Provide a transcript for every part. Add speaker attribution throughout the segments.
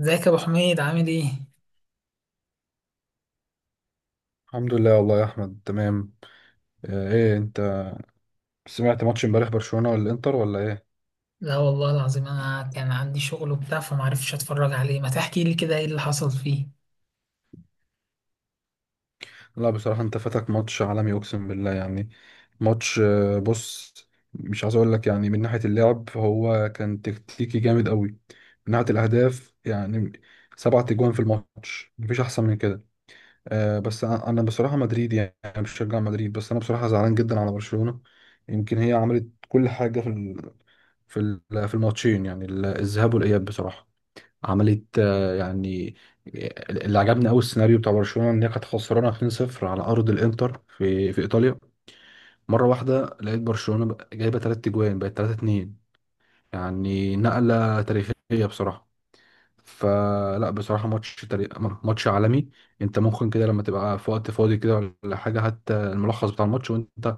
Speaker 1: ازيك يا ابو حميد؟ عامل ايه؟
Speaker 2: الحمد لله والله يا احمد تمام. ايه انت سمعت ماتش امبارح برشلونة ولا الانتر ولا ايه؟
Speaker 1: لا والله العظيم انا كان عندي شغل وبتاع فمعرفتش اتفرج عليه. ما تحكي لي كده ايه اللي حصل فيه.
Speaker 2: لا بصراحة انت فاتك ماتش عالمي اقسم بالله يعني. ماتش بص، مش عايز اقول لك، يعني من ناحية اللعب هو كان تكتيكي جامد قوي. من ناحية الاهداف يعني 7 تجوان في الماتش، مفيش احسن من كده. بس انا بصراحة مدريد، يعني أنا بشجع مدريد، بس انا بصراحة زعلان جدا على برشلونة. يمكن هي عملت كل حاجة في ال- في الماتشين، يعني الذهاب والاياب بصراحة. عملت يعني اللي عجبني قوي السيناريو بتاع برشلونه ان هي كانت خسرانه 2-0 على ارض الانتر في ايطاليا. مره واحده لقيت برشلونه جايبه 3 اجوان، بقت 3-2، يعني نقله تاريخيه بصراحه. فلا بصراحه ماتش عالمي. انت ممكن كده لما تبقى في وقت فاضي كده ولا حاجه، حتى الملخص بتاع الماتش، وانت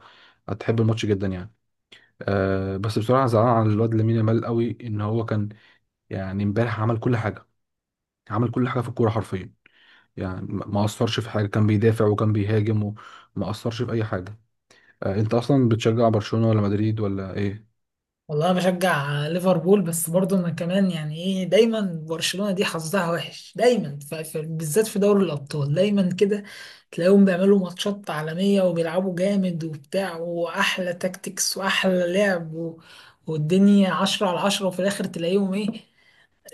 Speaker 2: هتحب الماتش جدا يعني. أه بس بصراحه زعلان على الواد لامين يامال قوي، ان هو كان يعني امبارح عمل كل حاجه، عمل كل حاجه في الكوره حرفيا. يعني ما أثرش في حاجة، كان بيدافع وكان بيهاجم وما أثرش في أي حاجة. آه، أنت أصلا بتشجع برشلونة ولا مدريد ولا إيه؟
Speaker 1: والله انا بشجع ليفربول، بس برضه انا كمان يعني ايه، دايما برشلونة دي حظها وحش دايما، بالذات في دوري الابطال دايما كده تلاقيهم بيعملوا ماتشات عالمية وبيلعبوا جامد وبتاع، واحلى تاكتكس واحلى لعب و، والدنيا عشرة على عشرة وفي الاخر تلاقيهم ايه؟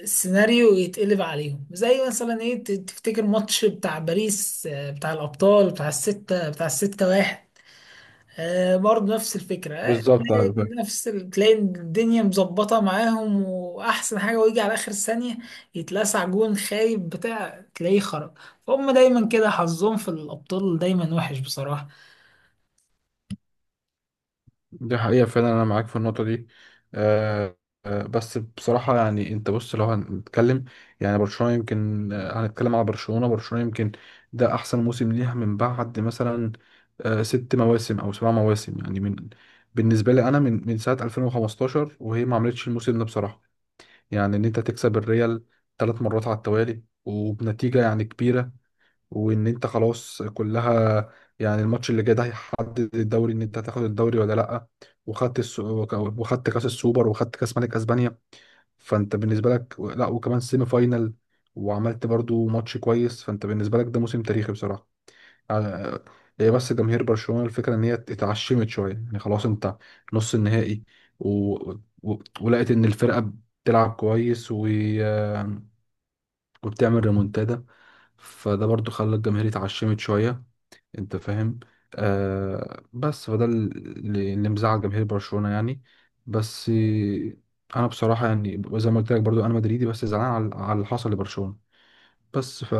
Speaker 1: السيناريو يتقلب عليهم، زي مثلا ايه، تفتكر ماتش بتاع باريس، بتاع الابطال، بتاع الستة، بتاع الستة واحد. آه برضه نفس الفكرة.
Speaker 2: بالظبط أيوة
Speaker 1: تلاقي
Speaker 2: فاهم.
Speaker 1: نفس تلاقي الدنيا مظبطة معاهم وأحسن حاجة، ويجي على آخر ثانية يتلسع جون خايب بتاع، تلاقيه خرج. فهم دايما كده حظهم في الأبطال دايما وحش بصراحة.
Speaker 2: دي حقيقة فعلا، أنا معاك في النقطة دي. آه. بس بصراحة يعني أنت بص، لو هنتكلم يعني برشلونة، يمكن هنتكلم على برشلونة. برشلونة يمكن ده أحسن موسم ليها من بعد مثلا آه 6 مواسم أو 7 مواسم، يعني من، بالنسبة لي أنا، من ساعة 2015 وهي ما عملتش الموسم ده بصراحة. يعني ان انت تكسب الريال 3 مرات على التوالي وبنتيجة يعني كبيرة، وان انت خلاص كلها، يعني الماتش اللي جاي ده هيحدد الدوري، ان انت هتاخد الدوري ولا لا. وخدت وخدت كاس السوبر، وخدت كاس ملك اسبانيا، فانت بالنسبة لك، لا، وكمان سيمي فاينل وعملت برضو ماتش كويس. فانت بالنسبة لك ده موسم تاريخي بصراحة. على- هي بس جماهير برشلونة، الفكرة ان هي اتعشمت شوية. يعني خلاص انت نص النهائي و... ولقيت ان الفرقة بتلعب كويس وبتعمل ريمونتادا، فده برضو خلى الجماهير اتعشمت شوية، انت فاهم؟ آه، بس فده اللي مزعل جماهير برشلونة يعني. بس انا بصراحة، يعني زي ما قلت لك، برضو انا مدريدي، بس زعلان على اللي حصل لبرشلونة. بس ف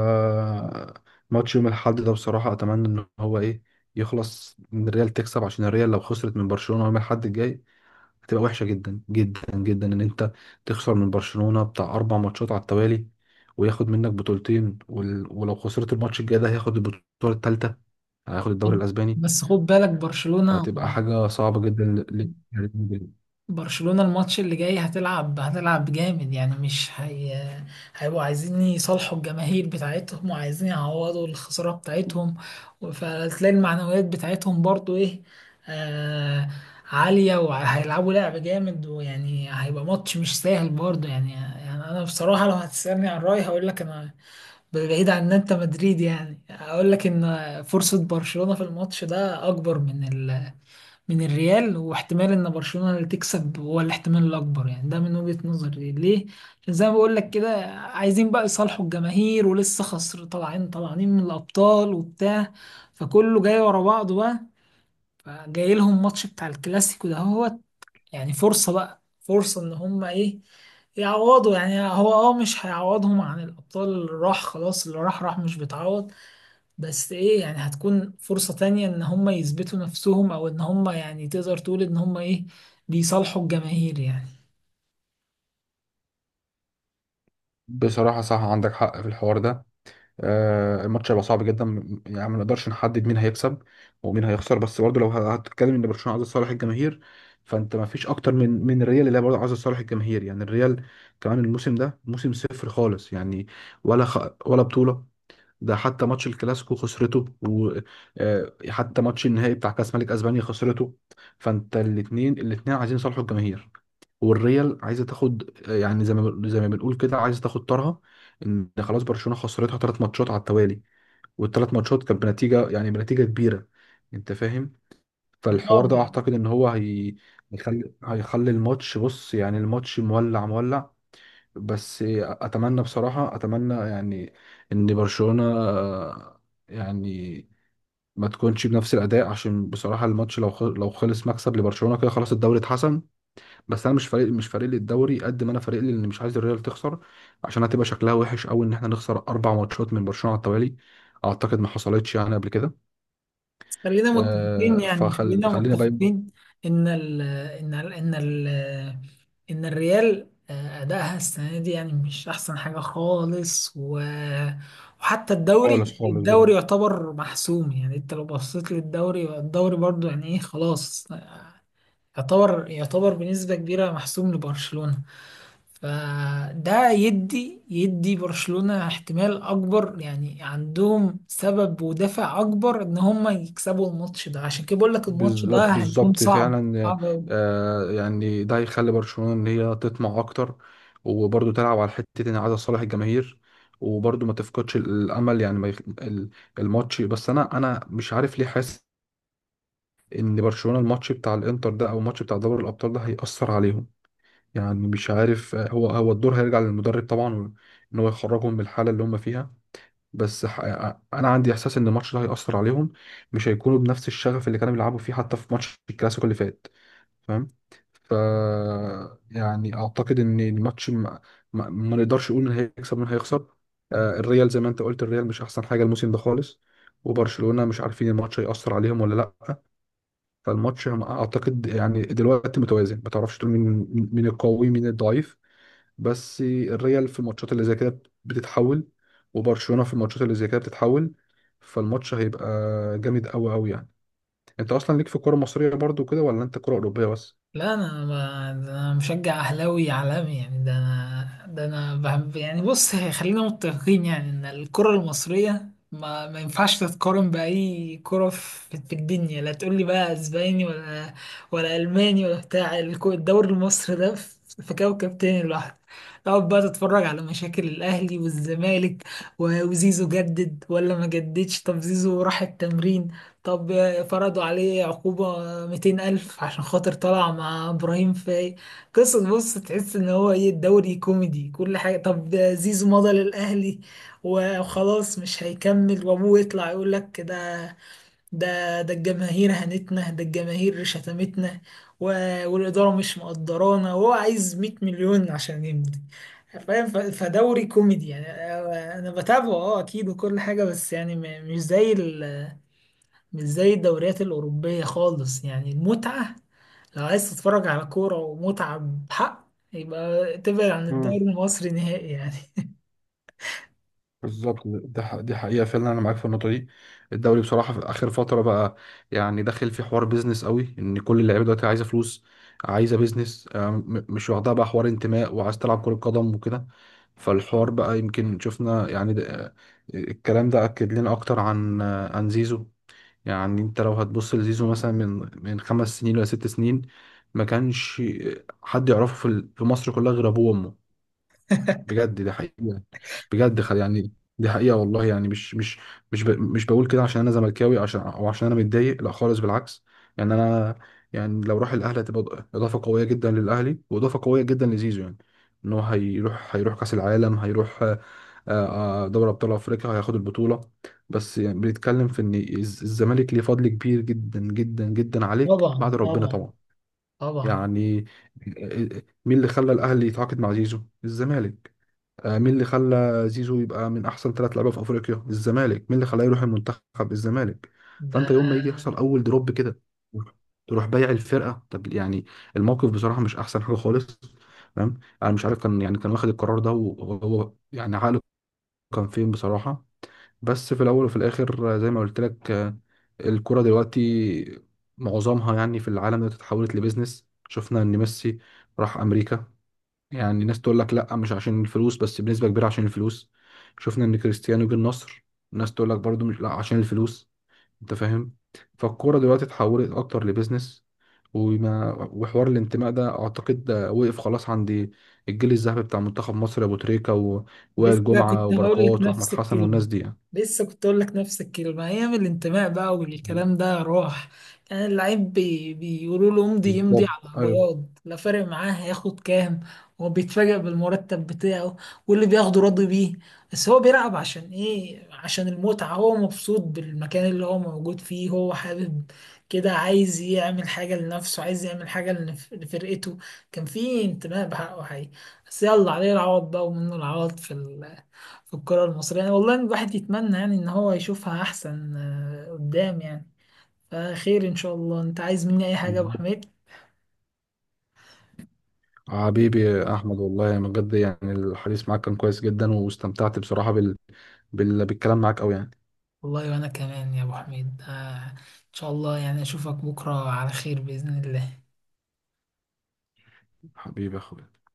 Speaker 2: ماتش يوم الاحد ده بصراحة أتمنى إن هو إيه، يخلص إن الريال تكسب، عشان الريال لو خسرت من برشلونة يوم الاحد الجاي، هتبقى وحشة جدا جدا جدا، إن أنت تخسر من برشلونة بتاع 4 ماتشات على التوالي وياخد منك بطولتين ولو خسرت الماتش الجاي ده، هياخد البطولة التالتة، هياخد الدوري
Speaker 1: خد-
Speaker 2: الأسباني.
Speaker 1: بس خد بالك، برشلونة،
Speaker 2: فهتبقى حاجة صعبة جدا
Speaker 1: برشلونة الماتش اللي جاي هتلعب، هتلعب جامد يعني، مش هي هيبقوا عايزين يصالحوا الجماهير بتاعتهم وعايزين يعوضوا الخسارة بتاعتهم، فتلاقي المعنويات بتاعتهم برضو ايه، آه، عالية، وهيلعبوا لعب جامد، ويعني هيبقى ماتش مش سهل برضو يعني. يعني انا بصراحة لو هتسألني عن رأيي هقول لك انا، بعيد عن ان انت مدريد يعني، اقول لك ان فرصة برشلونة في الماتش ده اكبر من من الريال، واحتمال ان برشلونة اللي تكسب هو الاحتمال الاكبر يعني. ده من وجهة نظري ليه؟ عشان زي ما بقول لك كده، عايزين بقى يصالحوا الجماهير، ولسه خسر، طالعين طالعين من الابطال وبتاع، فكله جاي ورا بعضه بقى. فجاي لهم ماتش بتاع الكلاسيكو ده، هو يعني فرصة، بقى فرصة ان هم ايه، يعوضوا. يعني هو اه مش هيعوضهم عن الابطال، اللي راح خلاص، اللي راح راح، مش بيتعوض، بس ايه يعني هتكون فرصة تانية ان هم يثبتوا نفسهم، او ان هم يعني تقدر تقول ان هم ايه، بيصالحوا الجماهير يعني.
Speaker 2: بصراحة صح، عندك حق في الحوار ده. آه، الماتش هيبقى صعب جدا، يعني ما نقدرش نحدد مين هيكسب ومين هيخسر. بس برضه لو هتتكلم ان برشلونه عايز صالح الجماهير، فانت ما فيش اكتر من الريال اللي هي برضه عايز صالح الجماهير. يعني الريال كمان الموسم ده موسم صفر خالص، يعني ولا خ... ولا بطوله. ده حتى ماتش الكلاسيكو خسرته، وحتى ماتش النهائي بتاع كاس ملك اسبانيا خسرته، فانت الاثنين الاثنين عايزين يصالحوا الجماهير، والريال عايزه تاخد، يعني زي ما بنقول كده، عايزه تاخد طارها. ان خلاص برشلونه خسرتها 3 ماتشات على التوالي، والثلاث ماتشات كانت بنتيجه، يعني بنتيجه كبيره، انت فاهم؟
Speaker 1: اه
Speaker 2: فالحوار ده
Speaker 1: ما-
Speaker 2: اعتقد ان هو هي هيخلي الماتش، بص يعني الماتش مولع مولع. بس اتمنى بصراحه، اتمنى يعني ان برشلونه يعني ما تكونش بنفس الاداء، عشان بصراحه الماتش لو لو خلص مكسب لبرشلونه كده، خلاص الدوري اتحسم. بس انا مش فارق، مش فارق لي الدوري قد ما انا فارق لي ان مش عايز الريال تخسر، عشان هتبقى شكلها وحش قوي ان احنا نخسر 4 ماتشات من برشلونة على التوالي، اعتقد ما حصلتش يعني قبل كده.
Speaker 1: خلينا متفقين
Speaker 2: آه
Speaker 1: يعني، خلينا
Speaker 2: خلينا بقى
Speaker 1: متفقين ان ال ان ال ان ال ان الريال، آه، ادائها السنة دي يعني مش احسن حاجة خالص، و وحتى الدوري،
Speaker 2: خالص خالص بقى.
Speaker 1: الدوري يعتبر محسوم. يعني انت لو بصيت للدوري، الدوري برضو يعني ايه خلاص، يعتبر يعتبر بنسبة كبيرة محسوم لبرشلونة. فده يدي يدي برشلونة احتمال اكبر، يعني عندهم سبب ودافع اكبر ان هم يكسبوا الماتش ده، عشان كده بقول لك الماتش ده هيكون
Speaker 2: بالظبط
Speaker 1: صعب،
Speaker 2: فعلا.
Speaker 1: صعب.
Speaker 2: آه، يعني ده هيخلي برشلونة ان هي تطمع اكتر، وبرضه تلعب على حتة ان عايزة صالح الجماهير، وبرضه ما تفقدش الامل. يعني ما يخ... ال- الماتش، بس انا مش عارف ليه حاسس ان برشلونة الماتش بتاع الانتر ده او الماتش بتاع دوري الابطال ده هيأثر عليهم. يعني مش عارف، هو الدور هيرجع للمدرب طبعا ان هو يخرجهم من الحالة اللي هم فيها. بس ح- انا عندي احساس ان الماتش ده هيأثر عليهم، مش هيكونوا بنفس الشغف اللي كانوا بيلعبوا فيه حتى في ماتش الكلاسيكو اللي فات، فاهم؟ ف يعني اعتقد ان الماتش ما نقدرش نقول مين هيكسب مين هيخسر. آه، الريال زي ما انت قلت الريال مش احسن حاجة الموسم ده خالص، وبرشلونة مش عارفين الماتش هيأثر عليهم ولا لا. فالماتش اعتقد يعني دلوقتي متوازن، ما تعرفش تقول مين القوي مين الضعيف. بس الريال في الماتشات اللي زي كده بتتحول، وبرشلونة في الماتشات اللي زي كده بتتحول. فالماتش هيبقى جامد قوي قوي يعني. انت اصلا ليك في الكرة المصرية برضو كده، ولا انت كرة اوروبية بس؟
Speaker 1: لا انا ما ده انا مشجع اهلاوي عالمي يعني، ده انا ده انا بحب يعني، بص خلينا متفقين يعني ان الكرة المصرية ما ما ينفعش تتقارن بأي كرة في في الدنيا. لا تقول لي بقى اسباني، ولا ولا الماني ولا بتاع الدوري المصري ده في في كوكب تاني لوحده. تقعد بقى تتفرج على مشاكل الاهلي والزمالك، وزيزو جدد ولا ما جددش، طب زيزو راح التمرين، طب فرضوا عليه عقوبة 200 ألف عشان خاطر طلع مع إبراهيم فاي، قصة بص، تحس إن هو إيه، الدوري كوميدي. كل حاجة، طب زيزو مضى للأهلي وخلاص مش هيكمل، وأبوه يطلع يقول لك ده، ده ده الجماهير هنتنا، ده الجماهير شتمتنا، و، والإدارة مش مقدرانا، وهو عايز 100 مليون عشان يمضي. فاهم؟ فدوري كوميدي يعني، أنا أنا بتابعه أه أكيد وكل حاجة، بس يعني مش زي مش زي الدوريات الأوروبية خالص يعني. المتعة لو عايز تتفرج على كورة ومتعة بحق، يبقى تبعد عن الدوري المصري نهائي يعني.
Speaker 2: بالظبط، دي حقيقة فعلا، أنا معاك في النقطة دي. الدوري بصراحة في آخر فترة بقى، يعني داخل في حوار بيزنس قوي، إن كل اللعيبة دلوقتي عايزة فلوس، عايزة بيزنس، مش واخدها بقى حوار انتماء وعايز تلعب كرة قدم وكده. فالحوار بقى يمكن شفنا يعني ده، الكلام ده أكد لنا أكتر عن عن زيزو. يعني أنت لو هتبص لزيزو مثلا من 5 سنين ولا 6 سنين، ما كانش حد يعرفه في مصر كلها غير أبوه وأمه، بجد ده حقيقة، بجد خل يعني دي حقيقة والله. يعني مش مش مش بقول كده عشان انا زملكاوي، عشان او عشان انا متضايق، لا خالص بالعكس. يعني انا يعني لو راح الاهلي هتبقى اضافة قوية جدا للاهلي واضافة قوية جدا لزيزو. يعني ان هو هيروح كاس العالم، هيروح دوري ابطال افريقيا، هياخد البطولة. بس يعني بنتكلم في ان الزمالك ليه فضل كبير جدا جدا جدا عليك
Speaker 1: طبعا،
Speaker 2: بعد ربنا
Speaker 1: طبعا،
Speaker 2: طبعا.
Speaker 1: طبعا.
Speaker 2: يعني آه، مين اللي خلى الاهلي يتعاقد مع زيزو؟ الزمالك. مين اللي خلى زيزو يبقى من احسن 3 لعيبه في افريقيا؟ الزمالك. مين اللي خلاه يروح المنتخب؟ الزمالك. فانت يوم ما يجي يحصل
Speaker 1: ده
Speaker 2: اول دروب كده تروح بايع الفرقه، طب يعني الموقف بصراحه مش احسن حاجه خالص. تمام انا مش عارف كان يعني كان واخد القرار ده وهو يعني عقله كان فين بصراحه. بس في الاول وفي الاخر زي ما قلت لك، الكرة دلوقتي معظمها يعني في العالم دلوقتي اتحولت لبيزنس. شفنا ان ميسي راح امريكا، يعني ناس تقول لك لا مش عشان الفلوس، بس بنسبة كبيرة عشان الفلوس. شفنا ان كريستيانو جه النصر، ناس تقول لك برضو مش لا عشان الفلوس، انت فاهم؟ فالكورة دلوقتي اتحولت اكتر لبيزنس، وحوار الانتماء ده اعتقد ده وقف خلاص عند الجيل الذهبي بتاع منتخب مصر، ابو تريكة وائل
Speaker 1: لسه
Speaker 2: جمعة
Speaker 1: كنت هقول لك
Speaker 2: وبركات واحمد
Speaker 1: نفس
Speaker 2: حسن
Speaker 1: الكلمة،
Speaker 2: والناس دي يعني.
Speaker 1: لسه كنت هقول لك نفس الكلمة، أيام الانتماء بقى والكلام ده راح، كان اللعيب بيقولوا له امضي، يمضي
Speaker 2: بالظبط
Speaker 1: على
Speaker 2: ايوه.
Speaker 1: بياض، لا فارق معاه هياخد كام، هو بيتفاجئ بالمرتب بتاعه واللي بياخده راضي بيه. بس هو بيلعب عشان إيه؟ عشان المتعة، هو مبسوط بالمكان اللي هو موجود فيه، هو حابب كده، عايز يعمل حاجة لنفسه، عايز يعمل حاجة لفرقته، كان في انتماء بحقه حقيقي. بس يلا، عليه العوض بقى ومنه العوض في، في الكرة المصرية يعني. والله الواحد يتمنى يعني ان هو يشوفها احسن، آه، قدام يعني. فخير ان شاء الله، انت عايز مني اي حاجة يا ابو
Speaker 2: بالظبط.
Speaker 1: حميد؟
Speaker 2: حبيبي يا احمد والله من بجد يعني الحديث معاك كان كويس جدا، واستمتعت بصراحة بالكلام معاك قوي يعني.
Speaker 1: والله وانا كمان يا ابو حميد، آه، ان شاء الله يعني اشوفك بكرة على خير بإذن الله.
Speaker 2: حبيبي يا اخويا.